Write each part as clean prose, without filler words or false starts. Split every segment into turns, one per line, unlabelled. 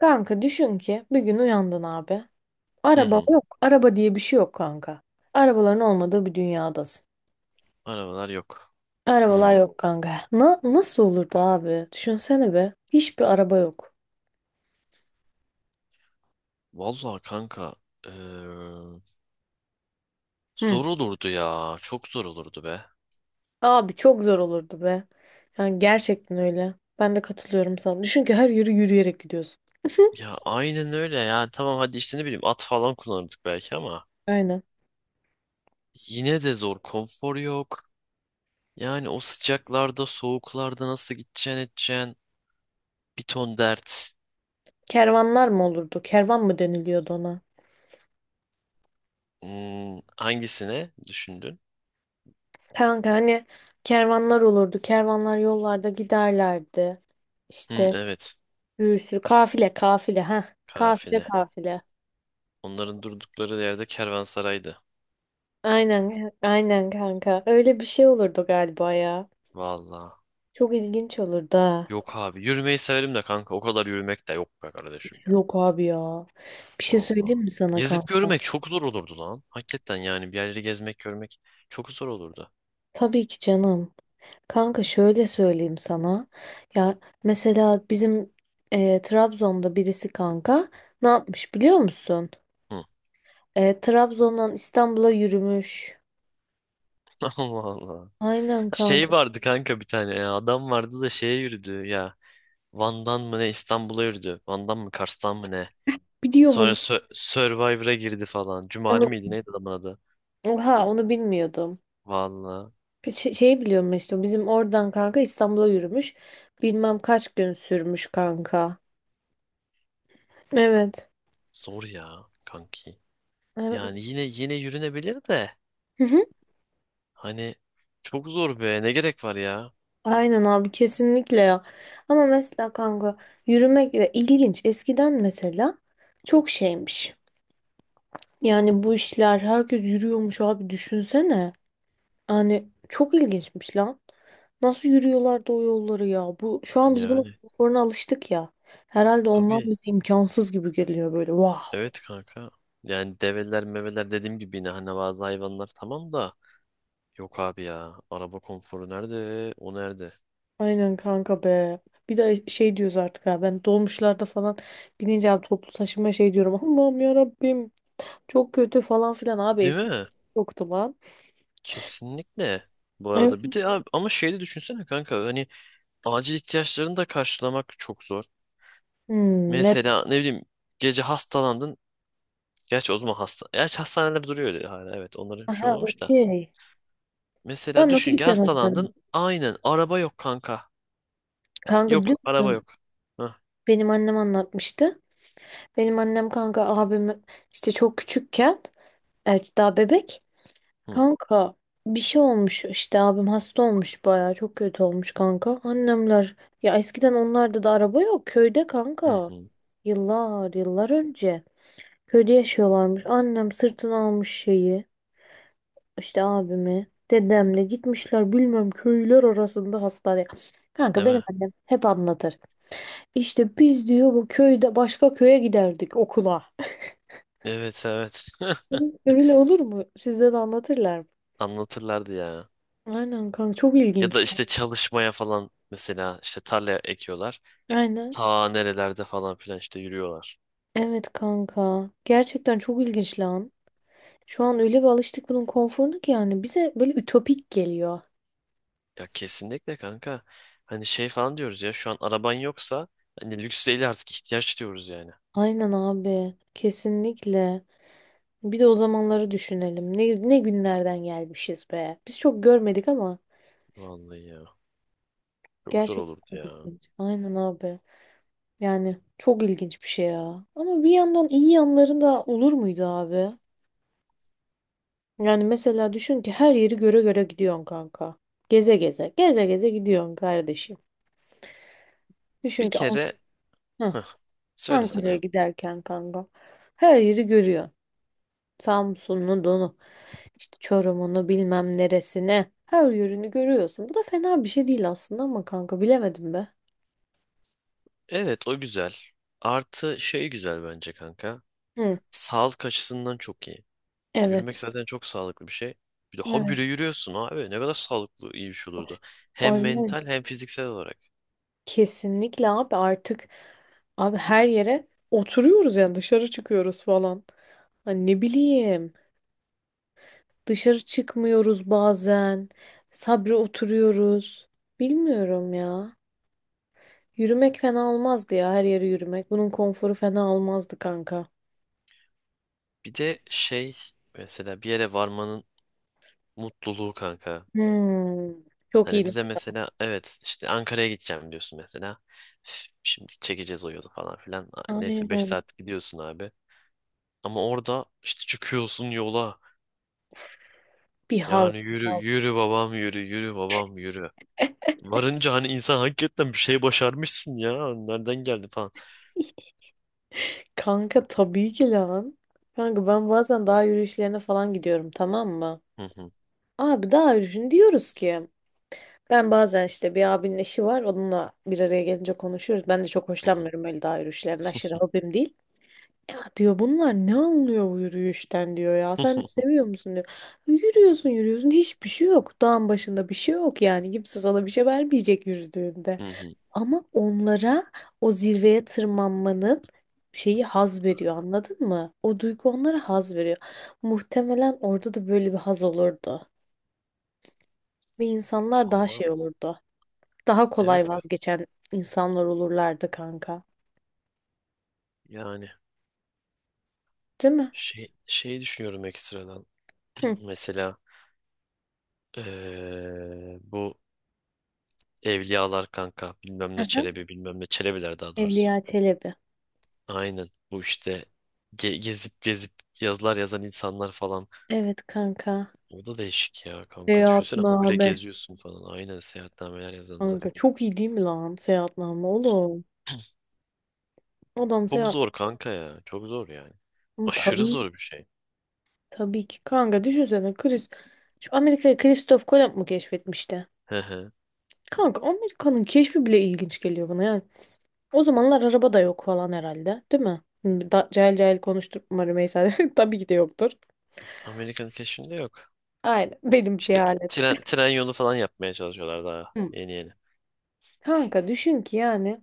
Kanka düşün ki bir gün uyandın abi.
Hı
Araba
hı.
yok. Araba diye bir şey yok kanka. Arabaların olmadığı bir dünyadasın.
Arabalar yok.
Arabalar
Hı.
yok kanka. Nasıl olurdu abi? Düşünsene be. Hiçbir araba yok.
Vallahi kanka, eee,
Hı.
zor olurdu ya. Çok zor olurdu be.
Abi çok zor olurdu be. Yani gerçekten öyle. Ben de katılıyorum sana. Düşün ki her yürüyerek gidiyorsun.
Ya aynen öyle ya. Tamam, hadi işte ne bileyim at falan kullanırdık belki ama
Aynen.
yine de zor. Konfor yok. Yani o sıcaklarda, soğuklarda nasıl gideceksin edeceksin. Bir ton dert.
Kervanlar mı olurdu? Kervan mı deniliyordu ona?
Hmm, hangisine düşündün?
Kanka hani kervanlar olurdu. Kervanlar yollarda giderlerdi.
Hı,
İşte.
evet.
Bir sürü kafile kafile ha. Kafile
Kafile.
kafile.
Onların durdukları yerde kervansaraydı.
Aynen aynen kanka. Öyle bir şey olurdu galiba ya.
Vallahi.
Çok ilginç olurdu ha.
Yok abi. Yürümeyi severim de kanka. O kadar yürümek de yok be kardeşim.
Yok abi ya. Bir şey
Vallahi.
söyleyeyim mi sana
Gezip
kanka?
görmek çok zor olurdu lan. Hakikaten yani bir yerleri gezmek görmek çok zor olurdu.
Tabii ki canım. Kanka şöyle söyleyeyim sana. Ya mesela bizim Trabzon'da birisi kanka ne yapmış biliyor musun?
Hı.
Trabzon'dan İstanbul'a yürümüş.
Allah Allah.
Aynen
Şey
kanka.
vardı kanka bir tane ya. Adam vardı da şeye yürüdü ya. Van'dan mı ne İstanbul'a yürüdü. Van'dan mı Kars'tan mı ne.
Biliyor
Sonra
musun?
Survivor'a girdi falan. Cumali
Onu,
miydi neydi adamın adı?
oha onu bilmiyordum.
Vallahi
Şeyi biliyorum işte bizim oradan kanka İstanbul'a yürümüş. Bilmem kaç gün sürmüş kanka. Evet.
zor ya kanki.
Evet.
Yani yine yürünebilir de.
Hı hı.
Hani çok zor be, ne gerek var ya.
Aynen abi kesinlikle ya. Ama mesela kanka yürümek de ilginç. Eskiden mesela çok şeymiş. Yani bu işler herkes yürüyormuş abi düşünsene. Yani çok ilginçmiş lan. Nasıl yürüyorlardı o yolları ya? Bu şu an biz bunun
Yani
konforuna alıştık ya. Herhalde ondan
tabii.
bize imkansız gibi geliyor böyle. Vah.
Evet kanka. Yani develer meveler dediğim gibi yine hani bazı hayvanlar tamam da yok abi ya. Araba konforu nerede? O nerede?
Aynen kanka be. Bir de şey diyoruz artık ha, ben dolmuşlarda falan binince abi toplu taşıma şey diyorum. Allah'ım ya Rabbim, çok kötü falan filan abi
Değil
eski
mi?
yoktu lan.
Kesinlikle. Bu
Evet.
arada bir de abi ama şeyi de düşünsene kanka hani acil ihtiyaçlarını da karşılamak çok zor.
Hmm, ne?
Mesela ne bileyim gece hastalandın. Gerçi o zaman hasta. Gerçi hastaneler duruyor öyle hala, evet onlara bir şey
Aha,
olmamış da.
okey.
Mesela
Ben nasıl
düşün ki
gideceğim hastaneye?
hastalandın. Aynen, araba yok kanka.
Kanka
Yok,
biliyor
araba
musun?
yok. Hah.
Benim annem anlatmıştı. Benim annem kanka abim işte çok küçükken, evet, daha bebek.
Hı,
Kanka bir şey olmuş işte, abim hasta olmuş, bayağı çok kötü olmuş kanka. Annemler ya, eskiden onlarda da araba yok köyde
hı,
kanka.
hı.
Yıllar yıllar önce köyde yaşıyorlarmış. Annem sırtına almış şeyi, işte abimi, dedemle gitmişler bilmem köyler arasında hastaneye. Kanka
Değil
benim
mi?
annem hep anlatır. İşte biz diyor, bu köyde başka köye giderdik okula.
Evet evet.
Öyle olur mu? Size de anlatırlar mı?
Anlatırlardı ya.
Aynen kanka, çok
Ya da
ilginç.
işte çalışmaya falan, mesela işte tarla ekiyorlar.
Aynen.
Ta nerelerde falan filan işte yürüyorlar.
Evet kanka. Gerçekten çok ilginç lan. Şu an öyle bir alıştık bunun konforuna ki yani bize böyle ütopik geliyor.
Ya kesinlikle kanka. Hani şey falan diyoruz ya, şu an araban yoksa hani lüks değil artık ihtiyaç diyoruz yani.
Aynen abi. Kesinlikle. Bir de o zamanları düşünelim. Ne günlerden gelmişiz be. Biz çok görmedik ama
Vallahi ya. Çok zor olurdu
gerçekten çok
ya.
ilginç. Aynen abi. Yani çok ilginç bir şey ya. Ama bir yandan iyi yanları da olur muydu abi? Yani mesela düşün ki her yeri göre göre gidiyorsun kanka. Geze geze. Geze geze gidiyorsun kardeşim.
Bir
Düşün ki An-
kere
Heh,
heh, söylesene
Ankara'ya
abi.
giderken kanka. Her yeri görüyor. Samsun'u, donu, işte Çorum'unu bilmem neresine. Her yönünü görüyorsun. Bu da fena bir şey değil aslında ama kanka bilemedim be.
Evet, o güzel. Artı şey güzel bence kanka.
Hı.
Sağlık açısından çok iyi. Yürümek
Evet.
zaten çok sağlıklı bir şey. Bir de
Evet.
habire yürüyorsun abi. Ne kadar sağlıklı, iyi bir şey olurdu. Hem
Orijinal.
mental hem fiziksel olarak.
Kesinlikle abi, artık abi her yere oturuyoruz yani dışarı çıkıyoruz falan. Hani ne bileyim, dışarı çıkmıyoruz bazen. Sabri oturuyoruz. Bilmiyorum ya. Yürümek fena olmazdı ya, her yere yürümek. Bunun konforu fena olmazdı kanka.
Bir de şey, mesela bir yere varmanın mutluluğu kanka.
Hmm, çok
Hani
iyi.
bize mesela, evet işte Ankara'ya gideceğim diyorsun mesela. Üf, şimdi çekeceğiz o yolu falan filan.
Aynen.
Neyse, 5 saat gidiyorsun abi. Ama orada işte çıkıyorsun yola.
Bir
Yani
haz,
yürü
bir haz.
yürü babam, yürü yürü babam yürü. Varınca hani insan hakikaten bir şey başarmışsın ya. Nereden geldi falan.
Kanka tabii ki lan. Kanka ben bazen dağ yürüyüşlerine falan gidiyorum, tamam mı?
Hı hı.
Abi dağ yürüyüşünü diyoruz ki. Ben bazen işte, bir abinin eşi var, onunla bir araya gelince konuşuyoruz. Ben de çok
Hı hı.
hoşlanmıyorum öyle dağ yürüyüşlerinden. Aşırı hobim değil. Ya diyor, bunlar ne anlıyor bu yürüyüşten diyor ya. Sen
Hı
de
hı.
seviyor musun diyor. Yürüyorsun yürüyorsun, hiçbir şey yok. Dağın başında bir şey yok yani. Kimse sana bir şey vermeyecek yürüdüğünde.
Hı hı.
Ama onlara o zirveye tırmanmanın şeyi haz veriyor, anladın mı? O duygu onlara haz veriyor. Muhtemelen orada da böyle bir haz olurdu. Ve insanlar daha
Valla
şey olurdu. Daha kolay
evet,
vazgeçen insanlar olurlardı kanka.
yani
Değil mi?
şey düşünüyorum ekstradan.
Hı.
Mesela bu Evliyalar kanka, bilmem ne
Hı.
Çelebi, bilmem ne Çelebiler daha doğrusu.
Evliya Çelebi.
Aynen bu işte gezip yazılar yazan insanlar falan.
Evet kanka.
O da değişik ya kanka, düşünsene habire
Seyahatname.
geziyorsun falan. Aynen, seyahatnameler yazanlar.
Kanka çok iyi değil mi lan seyahatname oğlum? Adam
Çok
seyahat.
zor kanka ya, çok zor yani.
Oğlum
Aşırı
tabii
zor bir şey.
tabii ki kanka düşünsene, şu Amerika'yı Christoph Kolomb mu keşfetmişti?
Hı hı.
Kanka Amerika'nın keşfi bile ilginç geliyor bana yani. O zamanlar araba da yok falan herhalde, değil mi? Hı, da, cahil cahil konuşturma Rümeysa. Tabii ki de yoktur.
Amerikan keşfinde yok.
Aynen benim
İşte
cehalet.
tren yolu falan yapmaya çalışıyorlar daha
Hı.
yeni yeni.
Kanka düşün ki yani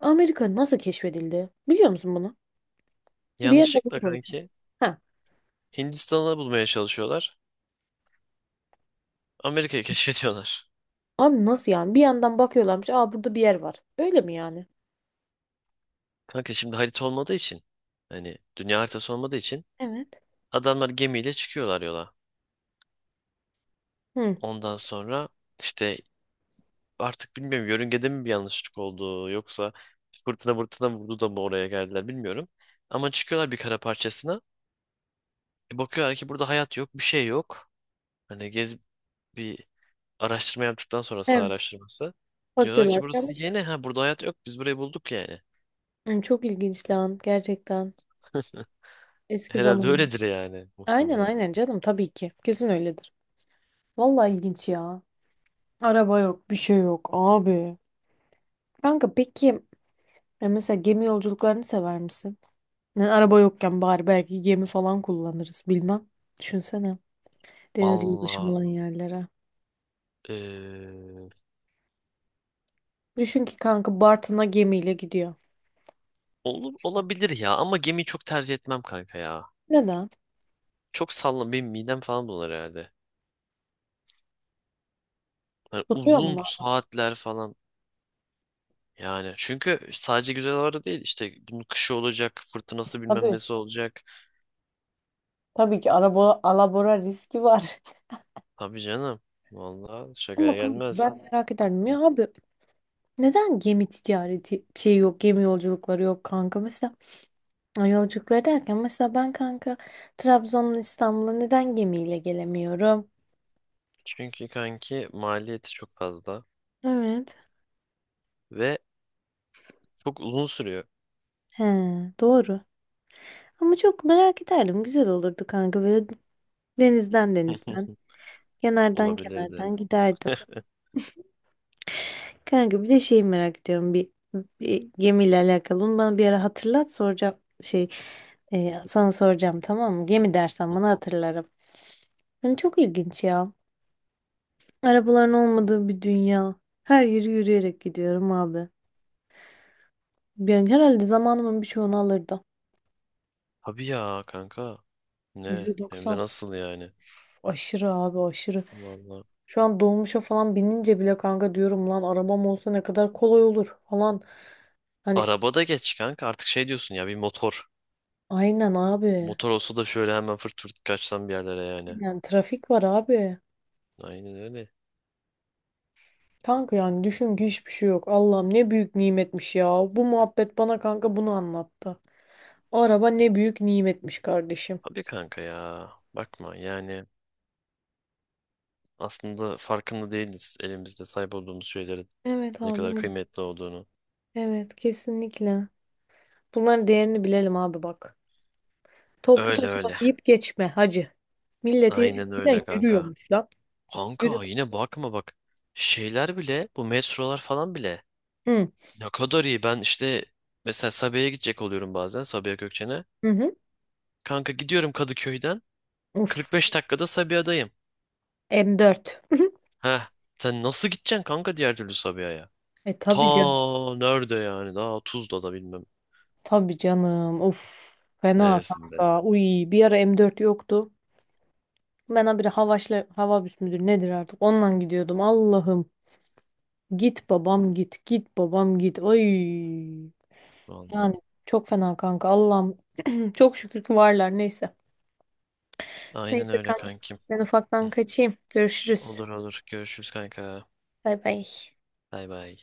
Amerika nasıl keşfedildi? Biliyor musun bunu? Bir yerde bunu
Yanlışlıkla
konuşuyor.
kanki Hindistan'ı bulmaya çalışıyorlar. Amerika'yı keşfediyorlar.
Abi nasıl yani? Bir yandan bakıyorlarmış. Aa, burada bir yer var. Öyle mi yani?
Kanka şimdi harita olmadığı için, hani dünya haritası olmadığı için
Evet.
adamlar gemiyle çıkıyorlar yola.
Hı.
Ondan sonra işte artık bilmiyorum, yörüngede mi bir yanlışlık oldu yoksa fırtına vurdu da mı oraya geldiler bilmiyorum. Ama çıkıyorlar bir kara parçasına. E bakıyorlar ki burada hayat yok, bir şey yok. Hani gez, bir araştırma yaptıktan sonra, saha
Evet.
araştırması. Diyorlar
Bakıyorlar.
ki burası
Yani.
yeni ha, burada hayat yok, biz burayı bulduk yani.
Hı, çok ilginç lan gerçekten. Eski
Herhalde
zaman.
öyledir yani,
Aynen
muhtemelen.
aynen canım, tabii ki. Kesin öyledir. Vallahi ilginç ya. Araba yok, bir şey yok abi. Kanka peki, ya mesela gemi yolculuklarını sever misin? Yani araba yokken bari belki gemi falan kullanırız bilmem. Düşünsene. Denizli ulaşım
Valla
olan yerlere.
eee,
Düşün ki kanka Bartın'a gemiyle gidiyor.
olur, olabilir ya ama gemiyi çok tercih etmem kanka ya.
Neden?
Çok sallan, benim midem falan bulanır herhalde. Hani
Tutuyor mu
uzun
lan?
saatler falan, yani çünkü sadece güzel havalarda değil, işte bunun kışı olacak, fırtınası bilmem
Tabii.
nesi olacak.
Tabii ki araba alabora riski var.
Tabii canım, valla şakaya
Ama kanka
gelmez.
ben merak ederdim
Hı.
ya abi, neden gemi ticareti şey yok, gemi yolculukları yok kanka, mesela yolculukları derken mesela ben kanka Trabzon'dan İstanbul'a neden gemiyle gelemiyorum?
Çünkü kanki maliyeti çok fazla
Evet.
ve çok uzun sürüyor.
He, doğru. Ama çok merak ederdim, güzel olurdu kanka böyle denizden denizden kenardan
Olabilirdi.
kenardan giderdim. Kanka bir de şeyi merak ediyorum, bir gemiyle alakalı. Onu bana bir ara hatırlat, soracağım şey sana soracağım, tamam mı? Gemi dersen bana hatırlarım. Yani çok ilginç ya. Arabaların olmadığı bir dünya. Her yeri yürüyerek gidiyorum abi. Yani herhalde zamanımın birçoğunu alırdı.
Tabii ya kanka. Ne?
yüzde
Hem de
doksan
nasıl yani?
aşırı abi aşırı.
Vallahi.
Şu an dolmuşa falan binince bile kanka diyorum, lan arabam olsa ne kadar kolay olur falan. Hani
Arabada geç kanka. Artık şey diyorsun ya, bir motor.
aynen abi.
Motor olsa da şöyle hemen fırt fırt kaçsam bir yerlere yani.
Yani trafik var abi.
Aynen öyle.
Kanka yani düşün ki hiçbir şey yok. Allah'ım, ne büyük nimetmiş ya. Bu muhabbet bana kanka bunu anlattı. O araba ne büyük nimetmiş kardeşim.
Tabii kanka ya. Bakma yani, aslında farkında değiliz elimizde sahip olduğumuz şeylerin
Evet
ne
abi.
kadar
Evet.
kıymetli olduğunu.
Evet, kesinlikle. Bunların değerini bilelim abi, bak. Toplu
Öyle
taşıma
öyle.
deyip geçme hacı. Milleti
Aynen
eskiden
öyle kanka.
yürüyormuş lan. Yürü.
Kanka yine bakma bak. Şeyler bile, bu metrolar falan bile
Hı.
ne kadar iyi. Ben işte mesela Sabiha'ya gidecek oluyorum bazen, Sabiha Gökçen'e.
Hı hı.
Kanka gidiyorum Kadıköy'den
Uf.
45 dakikada Sabiha'dayım.
M4.
Heh, sen nasıl gideceksin kanka diğer türlü Sabiha'ya?
E
Ta
tabii canım.
nerede yani, daha Tuzla'da bilmem
Tabii canım. Uf. Fena
neresinde.
kanka. Uy, bir ara M4 yoktu. Ben habire Havaşla Havabüs müdür nedir artık? Ondan gidiyordum. Allah'ım. Git babam git. Git babam git. Ay. Yani
Vallahi.
çok fena kanka. Allah'ım. Çok şükür ki varlar. Neyse.
Aynen
Neyse
öyle
kanka.
kankim.
Ben ufaktan kaçayım. Görüşürüz.
Olur olur, görüşürüz kanka.
Bay bay.
Bay bay.